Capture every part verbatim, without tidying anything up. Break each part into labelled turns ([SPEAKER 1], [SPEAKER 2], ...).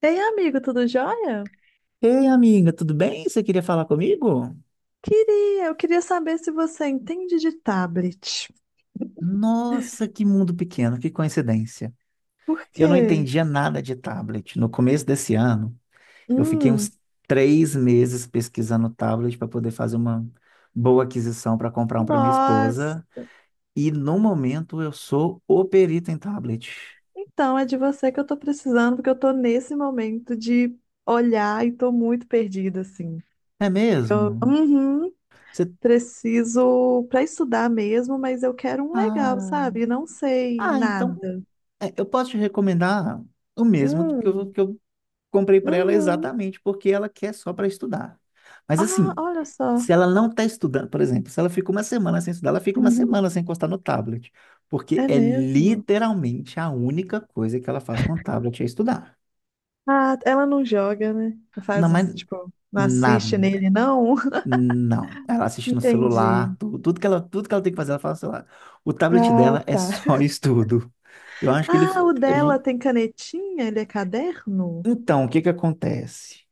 [SPEAKER 1] Ei, amigo, tudo jóia?
[SPEAKER 2] Ei, amiga, tudo bem? Você queria falar comigo?
[SPEAKER 1] Queria, eu queria saber se você entende de tablet.
[SPEAKER 2] Nossa, que mundo pequeno, que coincidência.
[SPEAKER 1] Por
[SPEAKER 2] Eu não
[SPEAKER 1] quê?
[SPEAKER 2] entendia nada de tablet. No começo desse ano, eu fiquei uns
[SPEAKER 1] Hum.
[SPEAKER 2] três meses pesquisando tablet para poder fazer uma boa aquisição para comprar um para minha
[SPEAKER 1] Nós.
[SPEAKER 2] esposa. E no momento eu sou o perito em tablet.
[SPEAKER 1] Então, é de você que eu tô precisando, porque eu tô nesse momento de olhar e tô muito perdida, assim.
[SPEAKER 2] É
[SPEAKER 1] Eu,
[SPEAKER 2] mesmo?
[SPEAKER 1] uhum.
[SPEAKER 2] Você...
[SPEAKER 1] Preciso para estudar mesmo, mas eu quero um legal,
[SPEAKER 2] Ah,
[SPEAKER 1] sabe? Não sei
[SPEAKER 2] ah, então
[SPEAKER 1] nada.
[SPEAKER 2] é, eu posso te recomendar o mesmo que eu,
[SPEAKER 1] Hum.
[SPEAKER 2] que eu comprei para ela
[SPEAKER 1] Uhum.
[SPEAKER 2] exatamente porque ela quer só para estudar. Mas
[SPEAKER 1] Ah,
[SPEAKER 2] assim,
[SPEAKER 1] olha só.
[SPEAKER 2] se ela não está estudando, por exemplo, se ela fica uma semana sem estudar, ela fica uma semana sem encostar no tablet, porque
[SPEAKER 1] É
[SPEAKER 2] é
[SPEAKER 1] mesmo?
[SPEAKER 2] literalmente a única coisa que ela faz com o tablet é estudar.
[SPEAKER 1] Ah, ela não joga, né? Não
[SPEAKER 2] Não,
[SPEAKER 1] faz, uns-
[SPEAKER 2] mas
[SPEAKER 1] tipo, não assiste
[SPEAKER 2] nada.
[SPEAKER 1] nele, não?
[SPEAKER 2] Não, ela assiste no
[SPEAKER 1] Entendi.
[SPEAKER 2] celular, tudo, tudo que ela, tudo que ela tem que fazer, ela faz no celular. O tablet
[SPEAKER 1] Ah,
[SPEAKER 2] dela é
[SPEAKER 1] tá.
[SPEAKER 2] só estudo. Eu acho que ele,
[SPEAKER 1] Ah, o
[SPEAKER 2] a
[SPEAKER 1] dela
[SPEAKER 2] gente-
[SPEAKER 1] tem canetinha? Ele é caderno?
[SPEAKER 2] Então, o que que acontece?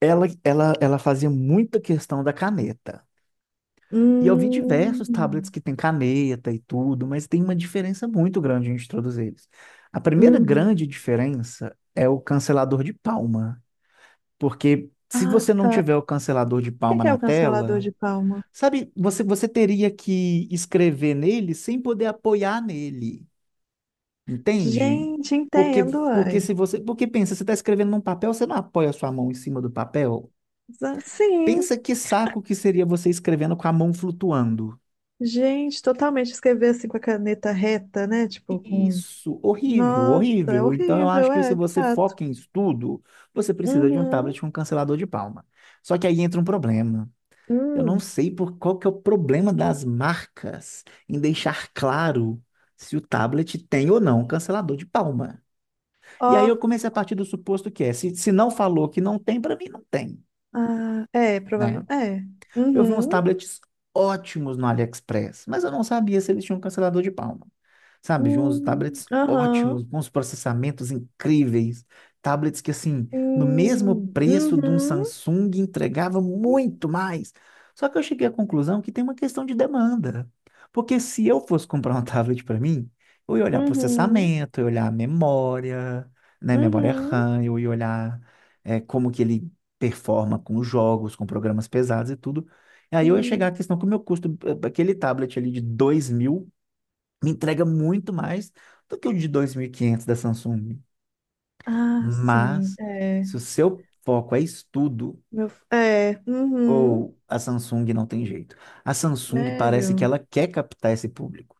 [SPEAKER 2] Ela, ela, ela fazia muita questão da caneta. E eu vi diversos tablets
[SPEAKER 1] Hum.
[SPEAKER 2] que tem caneta e tudo, mas tem uma diferença muito grande entre todos eles. A primeira grande
[SPEAKER 1] Uhum.
[SPEAKER 2] diferença é o cancelador de palma, porque se
[SPEAKER 1] Ah,
[SPEAKER 2] você não
[SPEAKER 1] tá.
[SPEAKER 2] tiver o cancelador de
[SPEAKER 1] O que
[SPEAKER 2] palma
[SPEAKER 1] que é o
[SPEAKER 2] na
[SPEAKER 1] cancelador
[SPEAKER 2] tela,
[SPEAKER 1] de palma?
[SPEAKER 2] sabe, você, você teria que escrever nele sem poder apoiar nele, entende?
[SPEAKER 1] Gente,
[SPEAKER 2] Porque,
[SPEAKER 1] entendo,
[SPEAKER 2] porque
[SPEAKER 1] ai.
[SPEAKER 2] se você, porque pensa, você está escrevendo num papel, você não apoia a sua mão em cima do papel.
[SPEAKER 1] Exa- Sim,
[SPEAKER 2] Pensa que saco que seria você escrevendo com a mão flutuando.
[SPEAKER 1] gente, totalmente escrever assim com a caneta reta, né? Tipo, com.
[SPEAKER 2] Isso, horrível,
[SPEAKER 1] Nossa, é
[SPEAKER 2] horrível. Então eu
[SPEAKER 1] horrível,
[SPEAKER 2] acho que se
[SPEAKER 1] é, de
[SPEAKER 2] você
[SPEAKER 1] fato.
[SPEAKER 2] foca em estudo, você precisa de um
[SPEAKER 1] Uhum.
[SPEAKER 2] tablet com cancelador de palma. Só que aí entra um problema. Eu não
[SPEAKER 1] Hum.
[SPEAKER 2] sei por qual que é o problema das marcas em deixar claro se o tablet tem ou não cancelador de palma. E aí eu
[SPEAKER 1] Ó.
[SPEAKER 2] comecei a partir do suposto que é, se, se não falou que não tem, para mim não tem,
[SPEAKER 1] Ah, é, provável.
[SPEAKER 2] né?
[SPEAKER 1] É.
[SPEAKER 2] Eu vi uns
[SPEAKER 1] Uhum.
[SPEAKER 2] tablets ótimos no AliExpress, mas eu não sabia se eles tinham cancelador de palma. Sabe? De uns
[SPEAKER 1] Hum.
[SPEAKER 2] tablets
[SPEAKER 1] Aham.
[SPEAKER 2] ótimos, com uns processamentos incríveis. Tablets que, assim, no mesmo
[SPEAKER 1] Hum.
[SPEAKER 2] preço de um
[SPEAKER 1] Uhum.
[SPEAKER 2] Samsung, entregava muito mais. Só que eu cheguei à conclusão que tem uma questão de demanda. Porque se eu fosse comprar um tablet para mim, eu ia olhar
[SPEAKER 1] Uhum.
[SPEAKER 2] processamento, eu ia olhar memória, né? Memória
[SPEAKER 1] Uhum.
[SPEAKER 2] RAM, eu ia olhar eh, como que ele performa com os jogos, com programas pesados e tudo. E aí eu ia chegar à
[SPEAKER 1] Hum.
[SPEAKER 2] questão que o meu custo, eh, aquele tablet ali de dois mil, me entrega muito mais do que o de dois mil e quinhentos da Samsung.
[SPEAKER 1] Ah, sim.
[SPEAKER 2] Mas,
[SPEAKER 1] É.
[SPEAKER 2] se o seu foco é estudo,
[SPEAKER 1] Meu, f- é. Uhum.
[SPEAKER 2] ou a Samsung não tem jeito. A Samsung parece que
[SPEAKER 1] Sério.
[SPEAKER 2] ela quer captar esse público.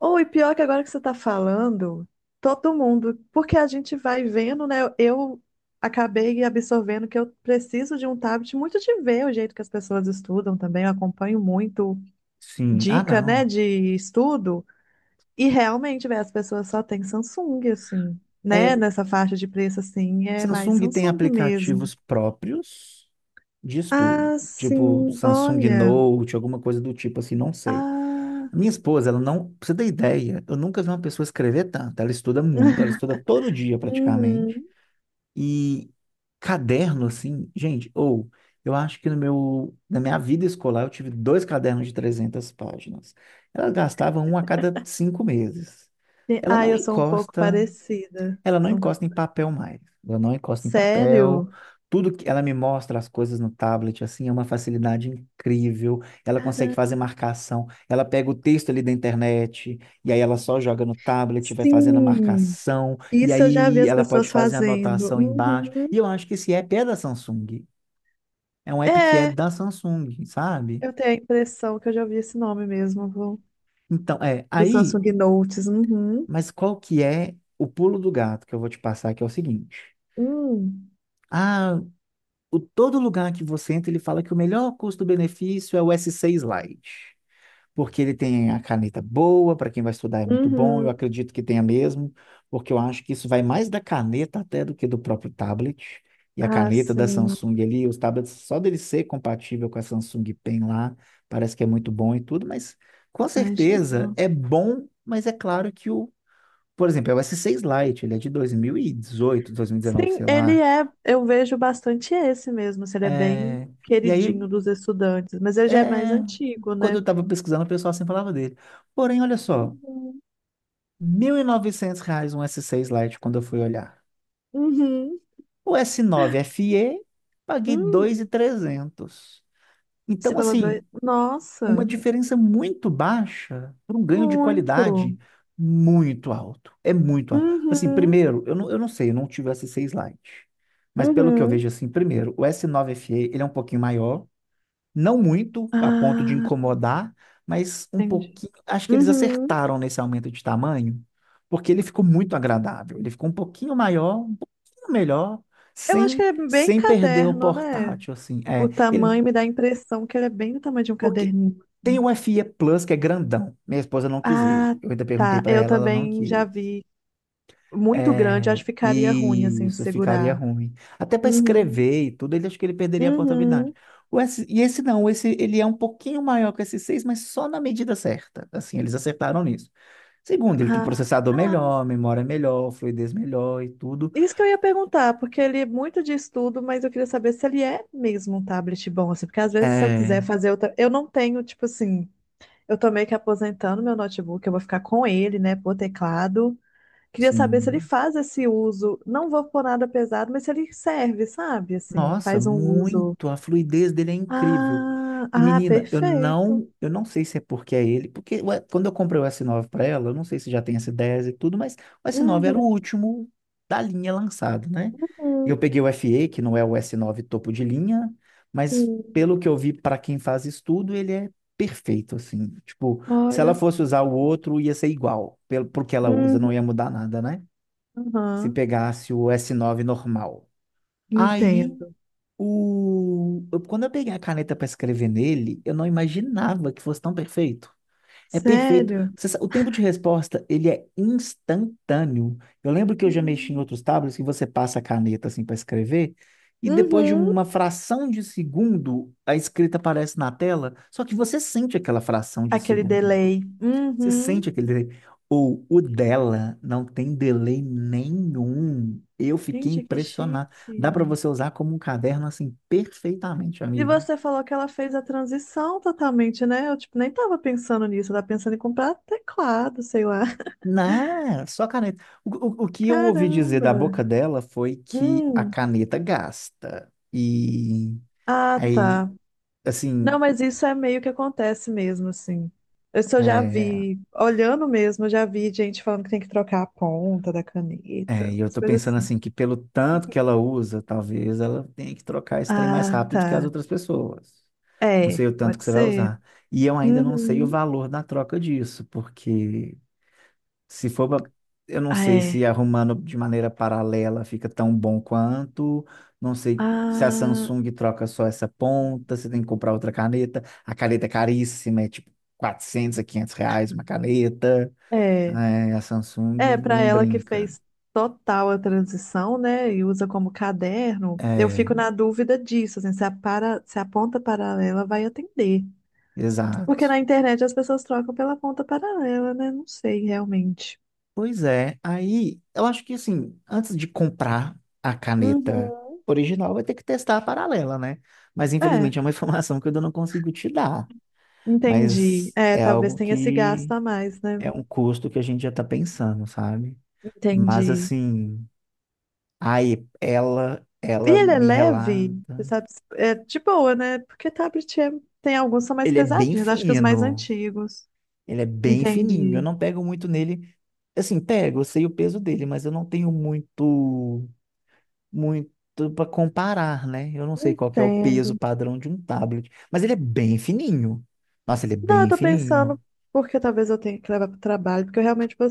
[SPEAKER 1] Ou e pior que agora que você tá falando, todo mundo, porque a gente vai vendo, né? Eu acabei absorvendo que eu preciso de um tablet muito de ver o jeito que as pessoas estudam também. Eu acompanho muito
[SPEAKER 2] Sim, ah
[SPEAKER 1] dica, né,
[SPEAKER 2] não.
[SPEAKER 1] de estudo. E realmente, velho, as pessoas só têm Samsung, assim,
[SPEAKER 2] É,
[SPEAKER 1] né? Nessa faixa de preço, assim, é mais
[SPEAKER 2] Samsung tem
[SPEAKER 1] Samsung mesmo.
[SPEAKER 2] aplicativos próprios de estudo.
[SPEAKER 1] Ah,
[SPEAKER 2] Tipo
[SPEAKER 1] sim,
[SPEAKER 2] Samsung
[SPEAKER 1] olha.
[SPEAKER 2] Note, alguma coisa do tipo assim, não sei.
[SPEAKER 1] Ah.
[SPEAKER 2] Minha esposa, ela não, pra você ter ideia, eu nunca vi uma pessoa escrever tanto. Ela estuda muito, ela estuda todo dia praticamente.
[SPEAKER 1] Uhum.
[SPEAKER 2] E caderno, assim, gente, ou eu acho que no meu, na minha vida escolar eu tive dois cadernos de trezentas páginas. Ela gastava um a cada cinco meses.
[SPEAKER 1] Sim.
[SPEAKER 2] Ela
[SPEAKER 1] Ah,
[SPEAKER 2] não
[SPEAKER 1] eu sou um pouco
[SPEAKER 2] encosta
[SPEAKER 1] parecida.
[SPEAKER 2] ela não
[SPEAKER 1] Sou um pouco-
[SPEAKER 2] encosta em papel mais. Ela não encosta em papel.
[SPEAKER 1] Sério?
[SPEAKER 2] Tudo que ela me mostra as coisas no tablet, assim, é uma facilidade incrível. Ela consegue
[SPEAKER 1] Cara,
[SPEAKER 2] fazer marcação. Ela pega o texto ali da internet e aí ela só joga no tablet, vai fazendo a
[SPEAKER 1] sim.
[SPEAKER 2] marcação e
[SPEAKER 1] Isso eu já vi
[SPEAKER 2] aí
[SPEAKER 1] as
[SPEAKER 2] ela pode
[SPEAKER 1] pessoas
[SPEAKER 2] fazer a
[SPEAKER 1] fazendo.
[SPEAKER 2] anotação embaixo. E
[SPEAKER 1] Uhum.
[SPEAKER 2] eu acho que esse app é da Samsung. É um app que é
[SPEAKER 1] É,
[SPEAKER 2] da Samsung, sabe?
[SPEAKER 1] eu tenho a impressão que eu já ouvi esse nome mesmo, viu?
[SPEAKER 2] Então, é,
[SPEAKER 1] Do
[SPEAKER 2] aí,
[SPEAKER 1] Samsung Notes. Uhum.
[SPEAKER 2] mas qual que é o pulo do gato que eu vou te passar, que é o seguinte.
[SPEAKER 1] Hum.
[SPEAKER 2] Ah, o, todo lugar que você entra, ele fala que o melhor custo-benefício é o S seis Lite, porque ele tem a caneta boa, para quem vai estudar é muito bom, eu
[SPEAKER 1] Uhum.
[SPEAKER 2] acredito que tenha mesmo, porque eu acho que isso vai mais da caneta até do que do próprio tablet. E a
[SPEAKER 1] Ah,
[SPEAKER 2] caneta da
[SPEAKER 1] sim.
[SPEAKER 2] Samsung ali, os tablets, só dele ser compatível com a Samsung Pen lá, parece que é muito bom e tudo, mas com certeza
[SPEAKER 1] Imagino.
[SPEAKER 2] é bom, mas é claro que o, por exemplo, é o S seis Lite, ele é de dois mil e dezoito, dois mil e dezenove,
[SPEAKER 1] Sim,
[SPEAKER 2] sei
[SPEAKER 1] ele
[SPEAKER 2] lá.
[SPEAKER 1] é, eu vejo bastante esse mesmo, assim, ele é bem
[SPEAKER 2] É, e
[SPEAKER 1] queridinho
[SPEAKER 2] aí,
[SPEAKER 1] dos estudantes, mas ele já é mais
[SPEAKER 2] É,
[SPEAKER 1] antigo,
[SPEAKER 2] quando eu
[SPEAKER 1] né?
[SPEAKER 2] estava pesquisando, o pessoal sempre falava dele. Porém, olha só,
[SPEAKER 1] Uhum.
[SPEAKER 2] mil e novecentos reais um S seis Lite quando eu fui olhar.
[SPEAKER 1] Uhum.
[SPEAKER 2] O S nove F E, paguei dois
[SPEAKER 1] Hum,
[SPEAKER 2] mil e trezentos.
[SPEAKER 1] você
[SPEAKER 2] Então,
[SPEAKER 1] pagou dois?
[SPEAKER 2] assim, uma
[SPEAKER 1] Nossa,
[SPEAKER 2] diferença muito baixa por um ganho de
[SPEAKER 1] muito.
[SPEAKER 2] qualidade muito alto. É muito alto. Assim,
[SPEAKER 1] Uhum.
[SPEAKER 2] primeiro, eu não, eu não sei, eu não tive o S seis Lite. Mas pelo que eu
[SPEAKER 1] Uhum.
[SPEAKER 2] vejo, assim, primeiro, o S nove F E, ele é um pouquinho maior. Não muito a ponto de
[SPEAKER 1] Ah,
[SPEAKER 2] incomodar, mas um
[SPEAKER 1] entendi.
[SPEAKER 2] pouquinho. Acho que eles
[SPEAKER 1] Uhum.
[SPEAKER 2] acertaram nesse aumento de tamanho, porque ele ficou muito agradável. Ele ficou um pouquinho maior, um pouquinho melhor,
[SPEAKER 1] Eu acho que
[SPEAKER 2] sem,
[SPEAKER 1] ele é bem
[SPEAKER 2] sem perder o
[SPEAKER 1] caderno, né?
[SPEAKER 2] portátil, assim.
[SPEAKER 1] O
[SPEAKER 2] É, ele,
[SPEAKER 1] tamanho me dá a impressão que ele é bem do tamanho de um
[SPEAKER 2] porque
[SPEAKER 1] caderninho.
[SPEAKER 2] tem o F E Plus, que é grandão. Minha esposa não quis ele.
[SPEAKER 1] Ah,
[SPEAKER 2] Eu ainda perguntei
[SPEAKER 1] tá.
[SPEAKER 2] para
[SPEAKER 1] Eu
[SPEAKER 2] ela, ela não
[SPEAKER 1] também já
[SPEAKER 2] quis.
[SPEAKER 1] vi muito grande, acho
[SPEAKER 2] É,
[SPEAKER 1] que ficaria ruim
[SPEAKER 2] e
[SPEAKER 1] assim de
[SPEAKER 2] isso ficaria
[SPEAKER 1] segurar.
[SPEAKER 2] ruim. Até para
[SPEAKER 1] Uhum.
[SPEAKER 2] escrever e tudo, ele acho que ele perderia a portabilidade.
[SPEAKER 1] Uhum.
[SPEAKER 2] O S, e esse não, esse ele é um pouquinho maior que o S seis, mas só na medida certa. Assim, eles acertaram nisso. Segundo, ele tem
[SPEAKER 1] Ah,
[SPEAKER 2] processador
[SPEAKER 1] legal.
[SPEAKER 2] melhor, memória melhor, fluidez melhor e tudo.
[SPEAKER 1] Isso que eu ia perguntar, porque ele é muito de estudo, mas eu queria saber se ele é mesmo um tablet bom, assim, porque às vezes se eu
[SPEAKER 2] É,
[SPEAKER 1] quiser fazer outra. Eu não tenho, tipo assim, eu tô meio que aposentando meu notebook, eu vou ficar com ele, né, por teclado. Queria saber se ele
[SPEAKER 2] sim.
[SPEAKER 1] faz esse uso. Não vou pôr nada pesado, mas se ele serve, sabe? Assim,
[SPEAKER 2] Nossa,
[SPEAKER 1] faz um uso.
[SPEAKER 2] muito. A fluidez dele é incrível.
[SPEAKER 1] Ah,
[SPEAKER 2] E
[SPEAKER 1] ah,
[SPEAKER 2] menina, eu
[SPEAKER 1] perfeito.
[SPEAKER 2] não, eu não sei se é porque é ele, porque ué, quando eu comprei o s nove para ela, eu não sei se já tem s dez e tudo, mas o s nove era o
[SPEAKER 1] Uhum.
[SPEAKER 2] último da linha lançado, né?
[SPEAKER 1] Uhum.
[SPEAKER 2] Eu peguei o F E, que não é o s nove topo de linha, mas
[SPEAKER 1] Uhum.
[SPEAKER 2] pelo que eu vi para quem faz estudo, ele é perfeito assim. Tipo, se
[SPEAKER 1] Olha.
[SPEAKER 2] ela fosse usar o outro, ia ser igual, pelo porque ela usa,
[SPEAKER 1] Uhum.
[SPEAKER 2] não ia mudar nada, né? Se
[SPEAKER 1] Uhum.
[SPEAKER 2] pegasse o s nove normal. Aí
[SPEAKER 1] Entendo.
[SPEAKER 2] o... eu- Quando eu peguei a caneta para escrever nele, eu não imaginava que fosse tão perfeito. É perfeito.
[SPEAKER 1] Sério?
[SPEAKER 2] Você sa- O tempo de resposta, ele é instantâneo. Eu lembro que eu já mexi em
[SPEAKER 1] Sim.
[SPEAKER 2] outros tablets que você passa a caneta assim para escrever e depois de
[SPEAKER 1] Uhum.
[SPEAKER 2] uma fração de segundo a escrita aparece na tela, só que você sente aquela fração de
[SPEAKER 1] Aquele
[SPEAKER 2] segundo.
[SPEAKER 1] delay.
[SPEAKER 2] Você
[SPEAKER 1] Uhum.
[SPEAKER 2] sente aquele delay. Ou o dela não tem delay nenhum. Eu fiquei
[SPEAKER 1] Gente, que
[SPEAKER 2] impressionado. Dá para
[SPEAKER 1] chique.
[SPEAKER 2] você usar como um caderno assim perfeitamente,
[SPEAKER 1] E
[SPEAKER 2] amiga.
[SPEAKER 1] você falou que ela fez a transição totalmente, né? Eu, tipo, nem tava pensando nisso. Eu tava pensando em comprar teclado, sei lá.
[SPEAKER 2] Não, só caneta. O, o, o que eu ouvi dizer da
[SPEAKER 1] Caramba.
[SPEAKER 2] boca dela foi que a
[SPEAKER 1] Hum.
[SPEAKER 2] caneta gasta. E
[SPEAKER 1] Ah,
[SPEAKER 2] aí,
[SPEAKER 1] tá. Não,
[SPEAKER 2] assim,
[SPEAKER 1] mas isso é meio que acontece mesmo, assim. Isso eu já
[SPEAKER 2] é,
[SPEAKER 1] vi, olhando mesmo, eu já vi gente falando que tem que trocar a ponta da
[SPEAKER 2] É,
[SPEAKER 1] caneta,
[SPEAKER 2] e eu
[SPEAKER 1] umas
[SPEAKER 2] tô
[SPEAKER 1] coisas
[SPEAKER 2] pensando
[SPEAKER 1] assim.
[SPEAKER 2] assim que pelo tanto que ela usa, talvez ela tenha que trocar esse trem mais
[SPEAKER 1] Ah,
[SPEAKER 2] rápido do que as
[SPEAKER 1] tá.
[SPEAKER 2] outras pessoas. Não
[SPEAKER 1] É,
[SPEAKER 2] sei o tanto
[SPEAKER 1] pode
[SPEAKER 2] que você vai
[SPEAKER 1] ser.
[SPEAKER 2] usar. E eu ainda não sei o
[SPEAKER 1] Uhum.
[SPEAKER 2] valor da troca disso, porque se for, pra- eu não
[SPEAKER 1] Ah,
[SPEAKER 2] sei
[SPEAKER 1] é.
[SPEAKER 2] se arrumando de maneira paralela fica tão bom quanto, não sei se a
[SPEAKER 1] Ah,
[SPEAKER 2] Samsung troca só essa ponta, você tem que comprar outra caneta. A caneta é caríssima, é tipo quatrocentos a quinhentos reais uma caneta.
[SPEAKER 1] é.
[SPEAKER 2] É, a
[SPEAKER 1] É,
[SPEAKER 2] Samsung
[SPEAKER 1] para
[SPEAKER 2] não
[SPEAKER 1] ela que
[SPEAKER 2] brinca.
[SPEAKER 1] fez total a transição, né? E usa como caderno, eu
[SPEAKER 2] É,
[SPEAKER 1] fico na dúvida disso, assim, se a, para, se a ponta paralela vai atender. Porque
[SPEAKER 2] exato.
[SPEAKER 1] na internet as pessoas trocam pela ponta paralela, né? Não sei realmente.
[SPEAKER 2] Pois é, aí eu acho que assim, antes de comprar a caneta
[SPEAKER 1] Uhum.
[SPEAKER 2] original, vai ter que testar a paralela, né? Mas
[SPEAKER 1] É,
[SPEAKER 2] infelizmente é uma informação que eu ainda não consigo te dar.
[SPEAKER 1] entendi.
[SPEAKER 2] Mas
[SPEAKER 1] É,
[SPEAKER 2] é
[SPEAKER 1] talvez
[SPEAKER 2] algo
[SPEAKER 1] tenha esse
[SPEAKER 2] que
[SPEAKER 1] gasto a mais, né?
[SPEAKER 2] é um custo que a gente já tá pensando, sabe? Mas
[SPEAKER 1] Entendi.
[SPEAKER 2] assim, aí ela,
[SPEAKER 1] E
[SPEAKER 2] ela
[SPEAKER 1] ele é
[SPEAKER 2] me
[SPEAKER 1] leve, você
[SPEAKER 2] relata.
[SPEAKER 1] sabe, é de boa, né? Porque tablet é- tem alguns que são mais
[SPEAKER 2] Ele é bem
[SPEAKER 1] pesadinhos, acho que os mais
[SPEAKER 2] fino,
[SPEAKER 1] antigos.
[SPEAKER 2] ele é bem fininho. Eu
[SPEAKER 1] Entendi.
[SPEAKER 2] não pego muito nele. Assim, pego, eu sei o peso dele, mas eu não tenho muito. Muito para comparar, né? Eu não sei qual que é o
[SPEAKER 1] Entendo.
[SPEAKER 2] peso padrão de um tablet, mas ele é bem fininho. Nossa, ele é
[SPEAKER 1] Não, eu
[SPEAKER 2] bem
[SPEAKER 1] tô pensando
[SPEAKER 2] fininho.
[SPEAKER 1] porque talvez eu tenha que levar pro trabalho, porque eu realmente vou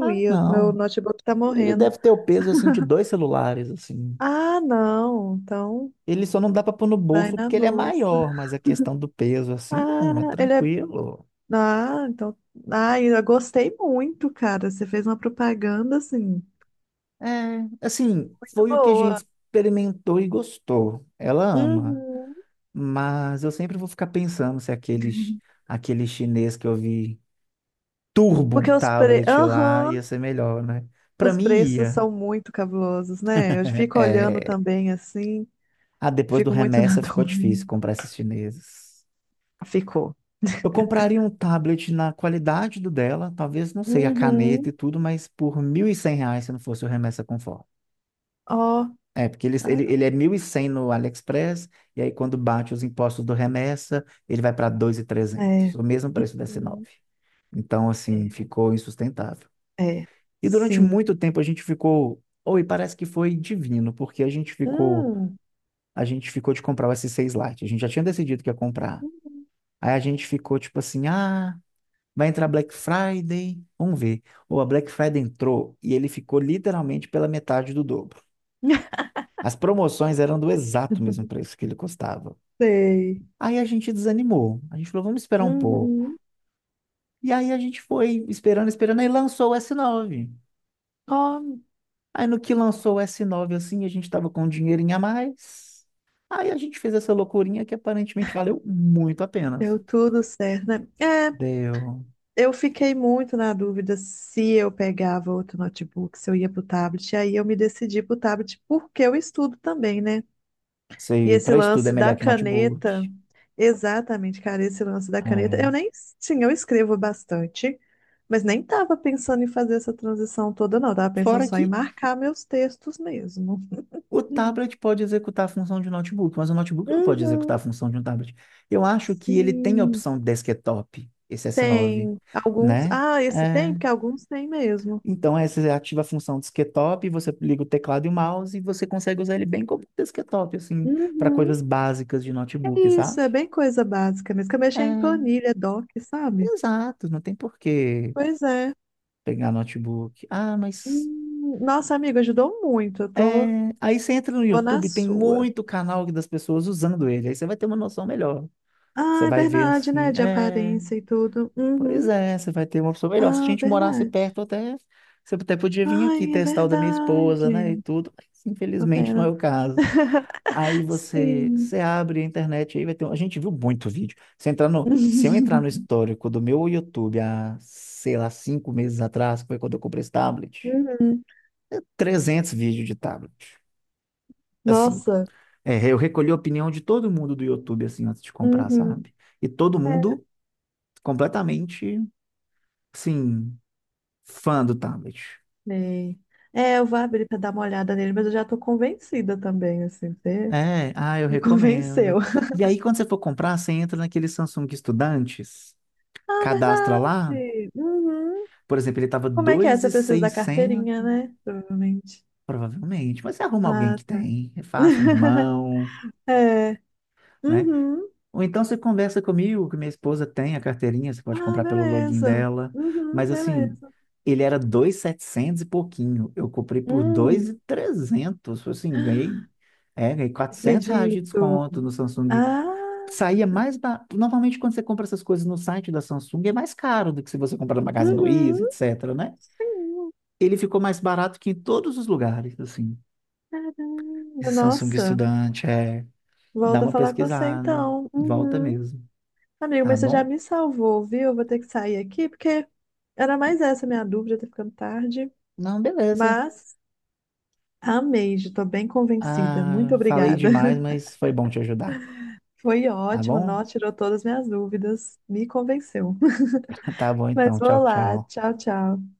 [SPEAKER 2] Ah,
[SPEAKER 1] Meu
[SPEAKER 2] não.
[SPEAKER 1] notebook tá
[SPEAKER 2] Ele
[SPEAKER 1] morrendo.
[SPEAKER 2] deve ter o peso assim de dois celulares assim.
[SPEAKER 1] Ah, não. Então
[SPEAKER 2] Ele só não dá para pôr no
[SPEAKER 1] vai
[SPEAKER 2] bolso
[SPEAKER 1] na
[SPEAKER 2] porque ele é
[SPEAKER 1] bolsa.
[SPEAKER 2] maior, mas a questão do peso assim, não, é
[SPEAKER 1] Ah, ele é.
[SPEAKER 2] tranquilo.
[SPEAKER 1] Ah, então. Ah, eu gostei muito, cara. Você fez uma propaganda assim,
[SPEAKER 2] É, assim,
[SPEAKER 1] muito
[SPEAKER 2] foi o que a gente
[SPEAKER 1] boa.
[SPEAKER 2] experimentou e gostou. Ela ama,
[SPEAKER 1] Uhum.
[SPEAKER 2] mas eu sempre vou ficar pensando se aqueles aquele chinês que eu vi turbo
[SPEAKER 1] Porque os pre...
[SPEAKER 2] tablet lá,
[SPEAKER 1] Aham,
[SPEAKER 2] ia ser melhor, né? Pra
[SPEAKER 1] os
[SPEAKER 2] mim
[SPEAKER 1] preços são
[SPEAKER 2] ia.
[SPEAKER 1] muito cabulosos, né? Eu fico olhando
[SPEAKER 2] É...
[SPEAKER 1] também assim,
[SPEAKER 2] Ah, depois do
[SPEAKER 1] fico muito na
[SPEAKER 2] remessa ficou
[SPEAKER 1] dúvida.
[SPEAKER 2] difícil comprar esses chineses.
[SPEAKER 1] Ficou.
[SPEAKER 2] Eu compraria um tablet na qualidade do dela, talvez, não sei, a caneta
[SPEAKER 1] Uhum.
[SPEAKER 2] e tudo, mas por mil e cem reais se não fosse o remessa conforme.
[SPEAKER 1] Ó,
[SPEAKER 2] É, porque ele, ele, ele
[SPEAKER 1] caramba.
[SPEAKER 2] é mil e cem no AliExpress, e aí quando bate os impostos do remessa, ele vai para dois mil e trezentos
[SPEAKER 1] É.
[SPEAKER 2] o mesmo preço da
[SPEAKER 1] Sim.
[SPEAKER 2] S nove. Então, assim,
[SPEAKER 1] É,
[SPEAKER 2] ficou insustentável.
[SPEAKER 1] é.
[SPEAKER 2] E durante
[SPEAKER 1] Sim.
[SPEAKER 2] muito tempo a gente ficou, oi, parece que foi divino, porque a gente ficou,
[SPEAKER 1] Hum.
[SPEAKER 2] a gente ficou de comprar o S seis Lite, a gente já tinha decidido que ia comprar.
[SPEAKER 1] Uhum.
[SPEAKER 2] Aí a gente ficou tipo assim, ah, vai entrar Black Friday, vamos ver. Ou a Black Friday entrou e ele ficou literalmente pela metade do dobro. As promoções eram do exato mesmo preço que ele custava.
[SPEAKER 1] Sei.
[SPEAKER 2] Aí a gente desanimou. A gente falou, vamos esperar um pouco.
[SPEAKER 1] Uhum.
[SPEAKER 2] E aí a gente foi esperando, esperando, aí lançou o s nove.
[SPEAKER 1] Ó,
[SPEAKER 2] Aí no que lançou o S nove assim, a gente tava com um dinheirinho a mais. Aí a gente fez essa loucurinha que aparentemente valeu muito a pena,
[SPEAKER 1] deu
[SPEAKER 2] assim.
[SPEAKER 1] tudo certo, né? É,
[SPEAKER 2] Deu.
[SPEAKER 1] eu fiquei muito na dúvida se eu pegava outro notebook, se eu ia pro tablet. E aí eu me decidi pro tablet porque eu estudo também, né? E
[SPEAKER 2] Sei,
[SPEAKER 1] esse
[SPEAKER 2] para estudo é
[SPEAKER 1] lance da
[SPEAKER 2] melhor que notebook.
[SPEAKER 1] caneta, exatamente, cara, esse lance da caneta, eu
[SPEAKER 2] É.
[SPEAKER 1] nem tinha, eu escrevo bastante, mas nem tava pensando em fazer essa transição toda, não. Eu tava pensando
[SPEAKER 2] Fora
[SPEAKER 1] só em
[SPEAKER 2] que
[SPEAKER 1] marcar meus textos mesmo.
[SPEAKER 2] o tablet pode executar a função de um notebook, mas o notebook não pode executar a
[SPEAKER 1] Uhum.
[SPEAKER 2] função de um tablet. Eu acho que ele tem a
[SPEAKER 1] Sim,
[SPEAKER 2] opção desktop, esse S nove,
[SPEAKER 1] tem alguns.
[SPEAKER 2] né?
[SPEAKER 1] Ah, esse tem,
[SPEAKER 2] É.
[SPEAKER 1] porque alguns tem mesmo.
[SPEAKER 2] Então, essa é ativa a função desktop, você liga o teclado e o mouse e você consegue usar ele bem como desktop, assim, para
[SPEAKER 1] Uhum.
[SPEAKER 2] coisas básicas de
[SPEAKER 1] É
[SPEAKER 2] notebook,
[SPEAKER 1] isso, é
[SPEAKER 2] sabe?
[SPEAKER 1] bem coisa básica mesmo. Que eu mexi em
[SPEAKER 2] É,
[SPEAKER 1] planilha, doc, sabe?
[SPEAKER 2] exato, não tem por que
[SPEAKER 1] Pois é.
[SPEAKER 2] pegar notebook. Ah, mas
[SPEAKER 1] Hum, nossa, amiga, ajudou muito. Eu tô,
[SPEAKER 2] é... aí você entra no
[SPEAKER 1] tô na
[SPEAKER 2] YouTube, tem
[SPEAKER 1] sua.
[SPEAKER 2] muito canal das pessoas usando ele, aí você vai ter uma noção melhor.
[SPEAKER 1] Ah,
[SPEAKER 2] Você
[SPEAKER 1] é
[SPEAKER 2] vai ver
[SPEAKER 1] verdade, né?
[SPEAKER 2] assim,
[SPEAKER 1] De
[SPEAKER 2] é.
[SPEAKER 1] aparência e tudo.
[SPEAKER 2] Pois
[SPEAKER 1] Uhum.
[SPEAKER 2] é, você vai ter uma opção melhor. Se a
[SPEAKER 1] Ah,
[SPEAKER 2] gente morasse
[SPEAKER 1] verdade.
[SPEAKER 2] perto, até você até podia vir aqui
[SPEAKER 1] Ai, é
[SPEAKER 2] testar o da minha esposa, né? E
[SPEAKER 1] verdade.
[SPEAKER 2] tudo, mas
[SPEAKER 1] Uma
[SPEAKER 2] infelizmente não é
[SPEAKER 1] pena.
[SPEAKER 2] o caso. Aí você,
[SPEAKER 1] Sim.
[SPEAKER 2] você abre a internet, aí vai ter. Um- a gente viu muito vídeo. Se entrar no, se eu entrar no histórico do meu YouTube há, sei lá, cinco meses atrás, que foi quando eu comprei esse tablet,
[SPEAKER 1] Uhum.
[SPEAKER 2] é trezentos vídeos de tablet. Assim,
[SPEAKER 1] Nossa.
[SPEAKER 2] é, eu recolhi a opinião de todo mundo do YouTube, assim, antes de comprar,
[SPEAKER 1] Uhum.
[SPEAKER 2] sabe? E todo mundo completamente, assim. Fã do tablet.
[SPEAKER 1] É. É, eu vou abrir pra dar uma olhada nele, mas eu já tô convencida também, assim, você
[SPEAKER 2] É, ah, eu
[SPEAKER 1] me convenceu.
[SPEAKER 2] recomendo. E aí, quando você for comprar, você entra naquele Samsung Estudantes,
[SPEAKER 1] Ah,
[SPEAKER 2] cadastra lá.
[SPEAKER 1] verdade. Uhum.
[SPEAKER 2] Por exemplo, ele tava
[SPEAKER 1] Como é que é? Você precisa da
[SPEAKER 2] dois mil e seiscentos,
[SPEAKER 1] carteirinha, né? Provavelmente.
[SPEAKER 2] provavelmente. Mas você arruma alguém
[SPEAKER 1] Ah,
[SPEAKER 2] que
[SPEAKER 1] tá.
[SPEAKER 2] tem, é fácil, um irmão,
[SPEAKER 1] É.
[SPEAKER 2] né?
[SPEAKER 1] Uhum.
[SPEAKER 2] Ou então você conversa comigo, que minha esposa tem a carteirinha, você pode
[SPEAKER 1] Ah,
[SPEAKER 2] comprar pelo login
[SPEAKER 1] beleza.
[SPEAKER 2] dela.
[SPEAKER 1] Uhum.
[SPEAKER 2] Mas assim,
[SPEAKER 1] Beleza.
[SPEAKER 2] ele era dois mil e setecentos e setecentos e pouquinho. Eu comprei por
[SPEAKER 1] Hum,
[SPEAKER 2] dois mil e trezentos, assim, ganhei, é, ganhei quatrocentos reais de
[SPEAKER 1] acredito.
[SPEAKER 2] desconto no Samsung,
[SPEAKER 1] Ah.
[SPEAKER 2] saía mais barato. Normalmente, quando você compra essas coisas no site da Samsung, é mais caro do que se você comprar no Magazine
[SPEAKER 1] Uhum.
[SPEAKER 2] Luiza, etc, né?
[SPEAKER 1] Sim.
[SPEAKER 2] Ele ficou mais barato que em todos os lugares, assim.
[SPEAKER 1] Caramba,
[SPEAKER 2] Esse Samsung
[SPEAKER 1] nossa.
[SPEAKER 2] Estudante, é. Dá
[SPEAKER 1] Volto a
[SPEAKER 2] uma
[SPEAKER 1] falar com você
[SPEAKER 2] pesquisada,
[SPEAKER 1] então.
[SPEAKER 2] volta
[SPEAKER 1] Uhum.
[SPEAKER 2] mesmo,
[SPEAKER 1] Amigo,
[SPEAKER 2] tá
[SPEAKER 1] mas você já
[SPEAKER 2] bom?
[SPEAKER 1] me salvou, viu? Eu vou ter que sair aqui, porque era mais essa minha dúvida, tá ficando tarde.
[SPEAKER 2] Não, beleza.
[SPEAKER 1] Mas amei, já tô bem convencida. Muito
[SPEAKER 2] Ah, falei
[SPEAKER 1] obrigada.
[SPEAKER 2] demais, mas foi bom te ajudar,
[SPEAKER 1] Foi
[SPEAKER 2] tá
[SPEAKER 1] ótimo,
[SPEAKER 2] bom?
[SPEAKER 1] nó, tirou todas as minhas dúvidas, me convenceu.
[SPEAKER 2] Tá bom
[SPEAKER 1] Mas
[SPEAKER 2] então, tchau,
[SPEAKER 1] vou lá.
[SPEAKER 2] tchau.
[SPEAKER 1] Tchau, tchau.